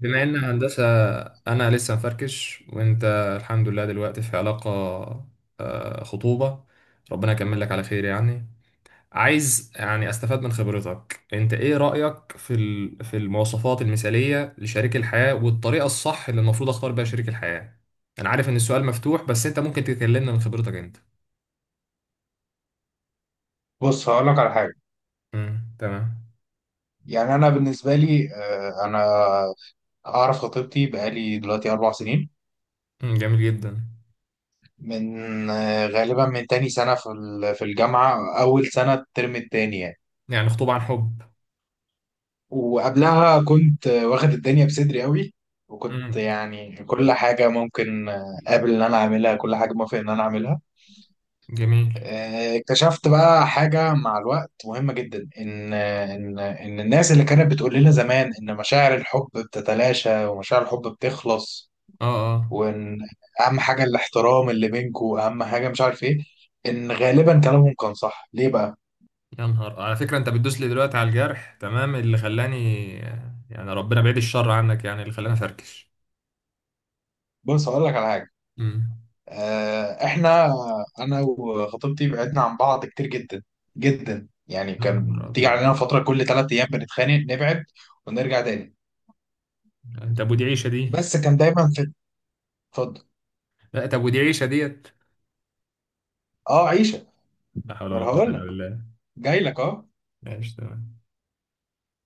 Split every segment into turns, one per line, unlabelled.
بما ان هندسة انا لسه مفركش. وانت الحمد لله دلوقتي في علاقة. خطوبة. ربنا يكمل لك على خير يعني. عايز يعني استفاد من خبرتك، انت ايه رأيك في في المواصفات المثالية لشريك الحياة والطريقة الصح اللي المفروض اختار بيها شريك الحياة؟ انا عارف ان السؤال مفتوح بس انت ممكن تكلمنا من خبرتك انت.
بص هقول لك على حاجه.
تمام.
يعني انا بالنسبه لي، انا اعرف خطيبتي بقالي دلوقتي 4 سنين،
مم، جميل جدا.
من غالبا من تاني سنه في في الجامعه، اول سنه الترم التاني يعني.
يعني خطوبة عن حب.
وقبلها كنت واخد الدنيا بصدري قوي. وكنت
امم
يعني كل حاجه ممكن قابل ان انا اعملها، كل حاجه موافق ان انا اعملها.
جميل.
اكتشفت بقى حاجه مع الوقت مهمه جدا، ان ان الناس اللي كانت بتقول لنا زمان ان مشاعر الحب بتتلاشى ومشاعر الحب بتخلص،
اه. اه.
وان اهم حاجه الاحترام اللي بينكوا، اهم حاجه مش عارف ايه، ان غالبا كلامهم كان صح. ليه بقى؟
يا نهار، على فكرة انت بتدوس لي دلوقتي على الجرح، تمام، اللي خلاني. يعني ربنا بعيد الشر عنك، يعني اللي خلاني افركش.
بص هقول لك على حاجه.
امم
احنا انا وخطيبتي بعدنا عن بعض كتير جدا جدا. يعني
يا نهار
كان تيجي
ابيض.
علينا فتره كل 3 ايام بنتخانق نبعد ونرجع تاني.
انت ابو دي عيشة دي.
بس كان دايما في. اتفضل.
لا انت ابو دي عيشة ديت.
اه، عيشه.
لا حول
انا
ولا قوة
هقول
الا
لك،
بالله.
جاي لك، اه.
ماشي تمام.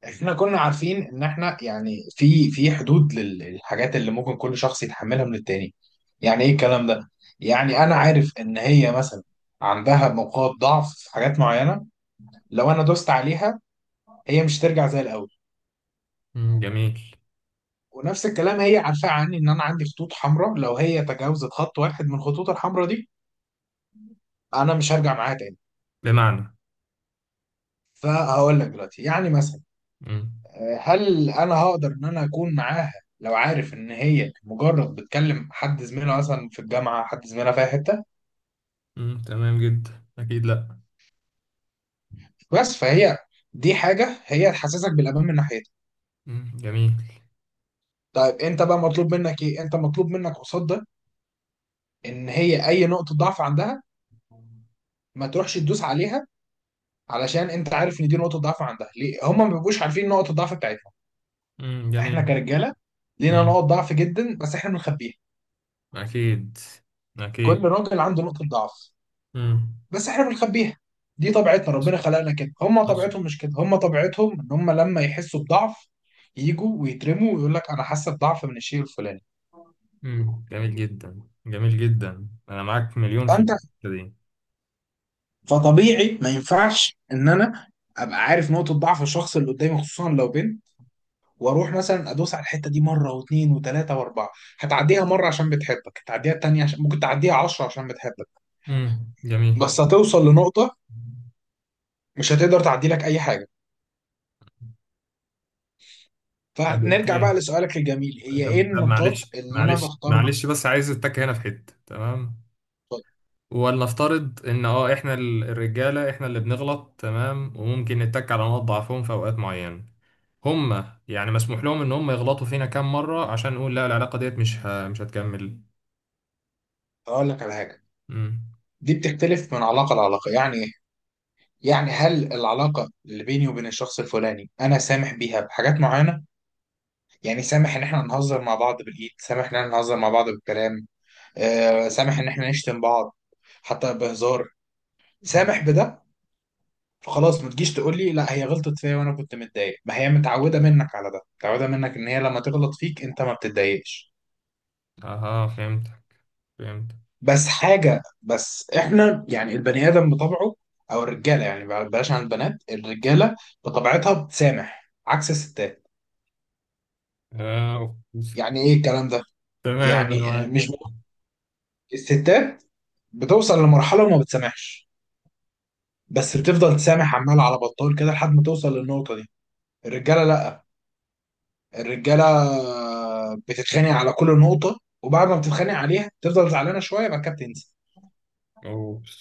احنا كنا عارفين ان احنا يعني في حدود للحاجات اللي ممكن كل شخص يتحملها من التاني. يعني ايه الكلام ده؟ يعني انا عارف ان هي مثلا عندها نقاط ضعف في حاجات معينة، لو انا دوست عليها هي مش ترجع زي الاول.
مم، جميل.
ونفس الكلام، هي عارفة عني ان انا عندي خطوط حمراء، لو هي تجاوزت خط واحد من الخطوط الحمراء دي انا مش هرجع معاها تاني.
بمعنى.
فهقول لك دلوقتي، يعني مثلا،
مم.
هل انا هقدر ان انا اكون معاها لو عارف ان هي مجرد بتكلم حد زميلها مثلا في الجامعه، حد زميلها في أي حته؟
مم، تمام جدا، اكيد لا.
بس فهي دي حاجه هي تحسسك بالامان من ناحيتها.
مم، جميل.
طيب انت بقى مطلوب منك ايه؟ انت مطلوب منك قصاد ده، ان هي اي نقطه ضعف عندها ما تروحش تدوس عليها، علشان انت عارف ان دي نقطه ضعف عندها. ليه هم ما بيبقوش عارفين نقطه الضعف بتاعتهم؟
مم،
احنا
جميل.
كرجاله لينا
مم،
نقط ضعف جدا، بس احنا بنخبيها.
اكيد.
كل
اكيد.
راجل عنده نقطه ضعف،
مم.
بس احنا بنخبيها. دي طبيعتنا، ربنا خلقنا كده. هم
حصل.
طبيعتهم مش كده. هم طبيعتهم ان هم لما يحسوا بضعف يجوا ويترموا ويقول لك انا حاسه بضعف من الشيء الفلاني.
مم، جميل جدا، جميل جدا، انا معاك مليون في
فانت
الحتة دي.
فطبيعي ما ينفعش ان انا ابقى عارف نقطه ضعف الشخص اللي قدامي، خصوصا لو بنت، واروح مثلا ادوس على الحته دي مره واثنين وثلاثه واربعه. هتعديها مره عشان بتحبك، هتعديها التانيه عشان ممكن تعديها 10 عشان بتحبك،
جميل.
بس هتوصل لنقطه مش هتقدر تعدي لك اي حاجه.
طب
فنرجع
اوكي.
بقى لسؤالك الجميل، هي ايه
طب
النقاط
معلش
اللي انا
معلش
بختار.
معلش، بس عايز اتك هنا في حته، تمام. ولنفترض ان اه احنا الرجاله احنا اللي بنغلط، تمام، وممكن نتك على نقاط ضعفهم في اوقات معينه. هما يعني مسموح لهم ان هم يغلطوا فينا كام مره عشان نقول لا العلاقه ديت مش هتكمل؟
اقول لك على حاجه،
امم
دي بتختلف من علاقه لعلاقه. يعني ايه؟ يعني هل العلاقه اللي بيني وبين الشخص الفلاني انا سامح بيها بحاجات معينه. يعني سامح ان احنا نهزر مع بعض بالايد، سامح ان احنا نهزر مع بعض بالكلام، سامح ان احنا نشتم بعض حتى بهزار،
أمم.
سامح بده. فخلاص، ما تجيش تقول لي لا هي غلطت فيا وانا كنت متضايق. ما هي متعوده منك على ده، متعوده منك ان هي لما تغلط فيك انت ما بتتضايقش.
اها، فهمتك. فهمتك.
بس حاجة، بس احنا يعني البني آدم بطبعه، أو الرجالة يعني بلاش عن البنات، الرجالة بطبيعتها بتسامح عكس الستات.
آه، أوكي.
يعني إيه الكلام ده؟
تمام انا
يعني آه،
معاك.
مش ب- الستات بتوصل لمرحلة وما بتسامحش، بس بتفضل تسامح عمال على بطال كده لحد ما توصل للنقطة دي. الرجالة لأ. الرجالة بتتخانق على كل نقطة، وبعد ما بتتخانق عليها تفضل زعلانة شوية بعد كده بتنسى.
اوبس.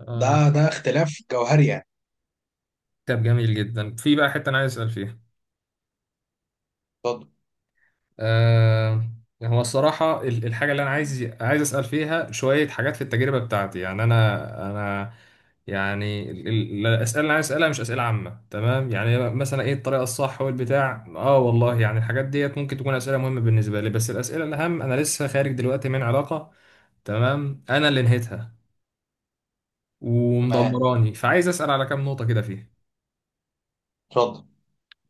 آه.
ده اختلاف جوهري يعني.
طب جميل جدا، في بقى حته انا عايز اسال فيها.
اتفضل.
آه، هو الصراحة الحاجة اللي أنا عايز أسأل فيها شوية حاجات في التجربة بتاعتي. يعني أنا يعني الأسئلة اللي أنا عايز أسألها مش أسئلة عامة، تمام. يعني مثلا إيه الطريقة الصح والبتاع، آه والله يعني الحاجات ديت ممكن تكون أسئلة مهمة بالنسبة لي، بس الأسئلة الأهم، أنا لسه خارج دلوقتي من علاقة. تمام، أنا اللي نهيتها، اه،
تمام.
ومدمراني. فعايز أسأل على كام نقطة كده فيها.
اتفضل.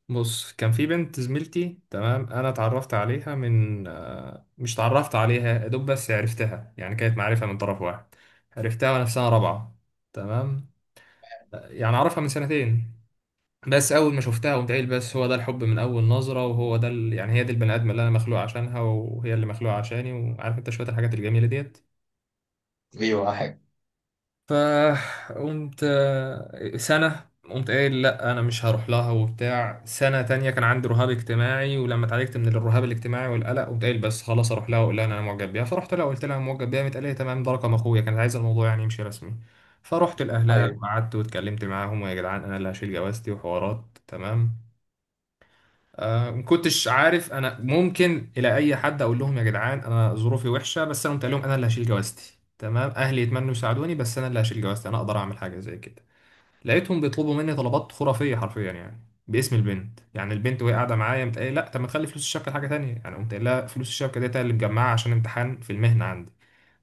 بص، كان في بنت زميلتي، تمام. انا اتعرفت عليها من مش اتعرفت عليها يا دوب، بس عرفتها، يعني كانت معرفة من طرف واحد. عرفتها وانا في سنة رابعة، تمام. يعني اعرفها من سنتين. بس اول ما شفتها قمت قايل بس هو ده الحب من اول نظرة، وهو ده يعني هي دي البني ادم اللي انا مخلوق عشانها وهي اللي مخلوقة عشاني، وعارف انت شوية الحاجات الجميلة ديت.
ايوه حاجة.
فقمت سنة قمت قايل لا أنا مش هروح لها وبتاع. سنة تانية كان عندي رهاب اجتماعي، ولما اتعالجت من الرهاب الاجتماعي والقلق قمت قايل بس خلاص أروح لها وأقول لها إن أنا معجب بيها. فرحت لها وقلت لها أنا معجب بيها، قامت قالت لي تمام، ده رقم أخويا، كانت عايزة الموضوع يعني يمشي رسمي. فرحت لأهلها
ايوه.
وقعدت واتكلمت معاهم، ويا جدعان أنا اللي هشيل جوازتي وحوارات، تمام. ما كنتش عارف انا ممكن الى اي حد اقول لهم يا جدعان انا ظروفي وحشه، بس انا قلت لهم انا اللي هشيل جوازتي، تمام، اهلي يتمنوا يساعدوني بس انا اللي هشيل جوازتي، انا اقدر اعمل حاجه زي كده. لقيتهم بيطلبوا مني طلبات خرافيه حرفيا يعني، باسم البنت. يعني البنت وهي قاعده معايا قمت قايل، لا طب ما تخلي فلوس الشبكه حاجه تانية، يعني قمت قايل لها فلوس الشبكه ديت أنا اللي مجمعها عشان امتحان في المهنه عندي،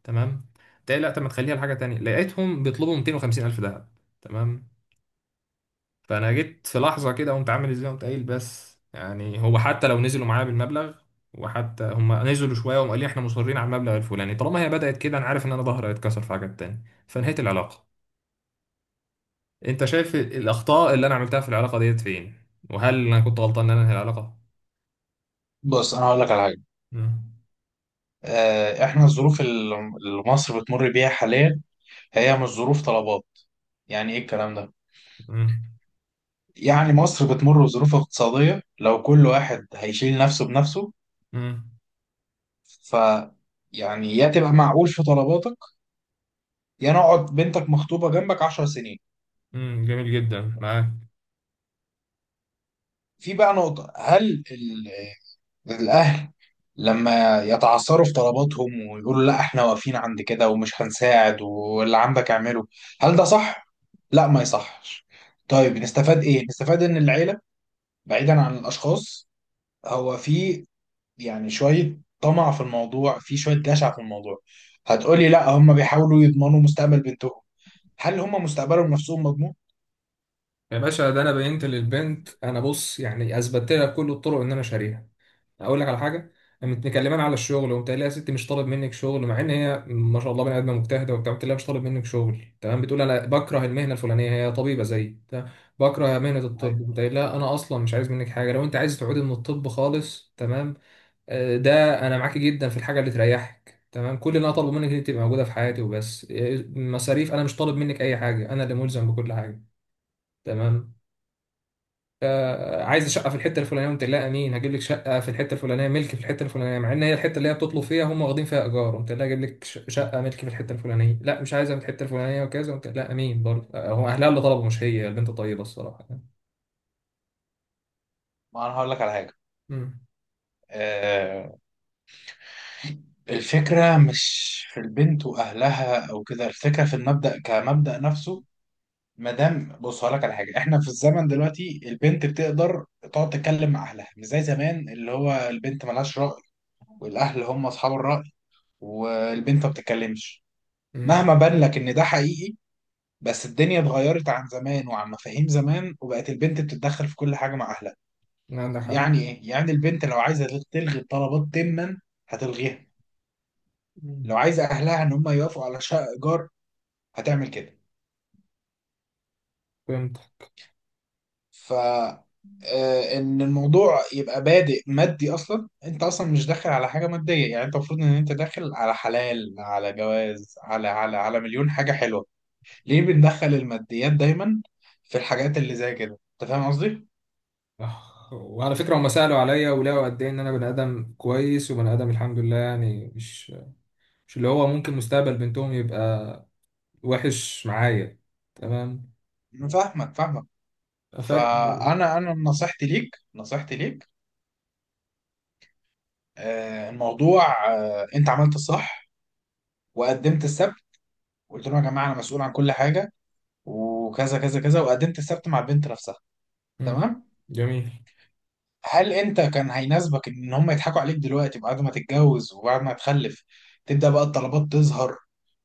تمام. قمت قايل لا طب ما تخليها لحاجه تانية، لقيتهم بيطلبوا 250 الف دهب، تمام. فانا جيت في لحظه كده قمت عامل ازاي، قمت قايل بس يعني هو حتى لو نزلوا معايا بالمبلغ. وحتى هم نزلوا شويه وقالوا لي احنا مصرين على المبلغ الفلاني. طالما هي بدات كده، انا عارف ان انا ظهري هيتكسر في حاجات تاني، فنهيت العلاقه. انت شايف الاخطاء اللي انا عملتها في العلاقه ديت فين؟ وهل انا كنت غلطان ان انا انهي العلاقه؟
بص انا هقول لك على حاجه.
مم.
احنا الظروف اللي مصر بتمر بيها حاليا هي مش ظروف طلبات. يعني ايه الكلام ده؟
مم.
يعني مصر بتمر بظروف اقتصاديه، لو كل واحد هيشيل نفسه بنفسه،
مم.
ف يعني يا تبقى معقول في طلباتك، يا نقعد بنتك مخطوبه جنبك 10 سنين.
مم، جميل جدا، معاك.
في بقى نقطه، هل الأهل لما يتعثروا في طلباتهم ويقولوا لا احنا واقفين عند كده ومش هنساعد واللي عندك اعمله، هل ده صح؟ لا، ما يصحش. طيب نستفاد ايه؟ نستفاد ان العيلة، بعيدا عن الاشخاص، هو في يعني شوية طمع في الموضوع، في شوية جشع في الموضوع. هتقولي لا هم بيحاولوا يضمنوا مستقبل بنتهم. هل هم مستقبلهم نفسهم مضمون؟
يا باشا، ده انا بينت للبنت انا، بص يعني اثبتت لها بكل الطرق ان انا شاريها. اقول لك على حاجه، متكلمان على الشغل وقمت قايل لها يا ستي مش طالب منك شغل، مع ان هي ما شاء الله بني ادمه مجتهده وبتاع. قلت لها مش طالب منك شغل، تمام. بتقول انا بكره المهنه الفلانيه، هي طبيبه زيي، تمام. بكره مهنه
ايوه.
الطب، قمت قايل لها انا اصلا مش عايز منك حاجه، لو انت عايز تعودي من الطب خالص، تمام. ده انا معاكي جدا في الحاجه اللي تريحك، تمام. كل اللي انا طالبه منك ان انت تبقى موجوده في حياتي وبس. مصاريف انا مش طالب منك اي حاجه، انا اللي ملزم بكل حاجه، تمام. عايز شقه في الحته الفلانيه، قمت لا امين هجيب لك شقه في الحته الفلانيه، ملك في الحته الفلانيه، مع ان هي الحته اللي هي بتطلب فيها هم واخدين فيها ايجار. قمت لا اجيب لك شقه ملك في الحته الفلانيه. لا مش عايزها في الحته الفلانيه وكذا، قمت لا امين برضه. هو اهلها اللي طلبوا، مش هي، البنت طيبه الصراحه.
ما انا هقول لك على حاجة،
امم
آه، الفكرة مش في البنت وأهلها أو كده، الفكرة في المبدأ كمبدأ نفسه. مادام، بص هقولك على حاجة، إحنا في الزمن دلوقتي البنت بتقدر تقعد تتكلم مع أهلها، مش زي زمان اللي هو البنت ملهاش رأي والأهل هم أصحاب الرأي والبنت ما بتتكلمش.
امم،
مهما بان لك إن ده حقيقي، بس الدنيا اتغيرت عن زمان وعن مفاهيم زمان، وبقت البنت بتتدخل في كل حاجة مع أهلها.
عندك حق.
يعني إيه؟ يعني البنت لو عايزة تلغي الطلبات تما هتلغيها.
مم.
لو عايزة أهلها إن هم يوافقوا على شقة إيجار هتعمل كده.
فهمت.
ف ان الموضوع يبقى بادئ مادي اصلا، انت اصلا مش داخل على حاجه ماديه. يعني انت المفروض ان انت داخل على حلال، على جواز، على مليون حاجه حلوه. ليه بندخل الماديات دايما في الحاجات اللي زي كده؟ انت فاهم قصدي.
وعلى فكره هم سالوا عليا ولقوا قد ايه ان انا بني ادم كويس، وبني ادم الحمد لله يعني، مش اللي هو ممكن مستقبل بنتهم يبقى وحش معايا، تمام.
أنا فاهمك.
فاكر.
فانا نصيحتي ليك. آه، الموضوع آه، انت عملت الصح وقدمت السبت. قلت لهم يا جماعه انا مسؤول عن كل حاجه وكذا كذا كذا. وقدمت السبت مع البنت نفسها.
مم،
تمام.
جميل.
هل انت كان هيناسبك ان هم يضحكوا عليك دلوقتي بعد ما تتجوز وبعد ما تخلف تبدأ بقى الطلبات تظهر،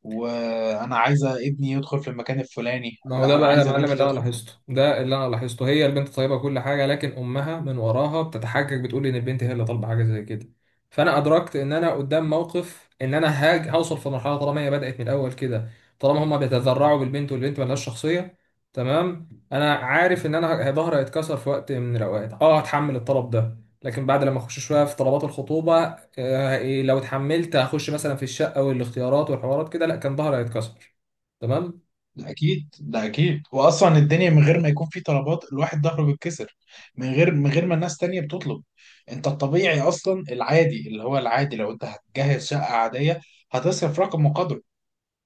وانا عايزة ابني يدخل في المكان الفلاني،
ما هو
لا
ده
انا
بقى يا
عايزة
معلم
بنتي
اللي انا
تدخل في...
لاحظته. ده اللي انا لاحظته، هي البنت طيبه كل حاجه، لكن امها من وراها بتتحجج بتقول ان البنت هي اللي طالبه حاجه زي كده. فانا ادركت ان انا قدام موقف ان انا هاج هوصل في مرحله، طالما هي بدات من الاول كده، طالما هما بيتذرعوا بالبنت والبنت ملهاش شخصيه، تمام. انا عارف ان انا ظهري هيتكسر في وقت من الاوقات، اه هتحمل الطلب ده، لكن بعد لما اخش شويه في طلبات الخطوبه. آه إيه، لو اتحملت هخش مثلا في الشقه والاختيارات والحوارات كده، لا كان ظهري هيتكسر، تمام.
ده اكيد ده اكيد. واصلا الدنيا من غير ما يكون في طلبات الواحد ظهره بيتكسر، من غير ما الناس تانية بتطلب. انت الطبيعي اصلا العادي اللي هو العادي، لو انت هتجهز شقة عادية هتصرف رقم وقدره.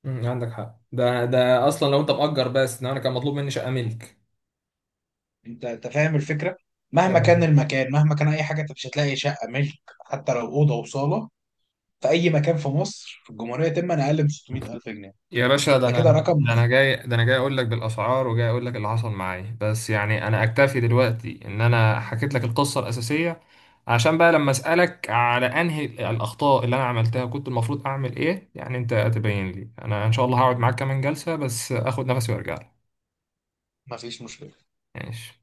مم، عندك حق. ده اصلا لو انت مأجر، بس ده انا كان مطلوب مني شقة ملك.
انت فاهم الفكرة. مهما كان
ف-
المكان، مهما كان اي حاجة، انت مش هتلاقي شقة ملك. حتى لو أوضة وصالة في اي مكان في مصر في الجمهوريه تم، انا اقل من 600000 جنيه.
يا باشا ده
ده
انا،
كده رقم.
ده انا جاي اقول لك بالاسعار، وجاي اقول لك اللي حصل معايا، بس يعني انا اكتفي دلوقتي ان انا حكيت لك القصه الاساسيه. عشان بقى لما اسالك على انهي الاخطاء اللي انا عملتها كنت المفروض اعمل ايه، يعني انت تبين لي انا. ان شاء الله هقعد معاك كمان جلسه، بس اخد نفسي وارجع لك.
ما فيش مشكله.
ماشي.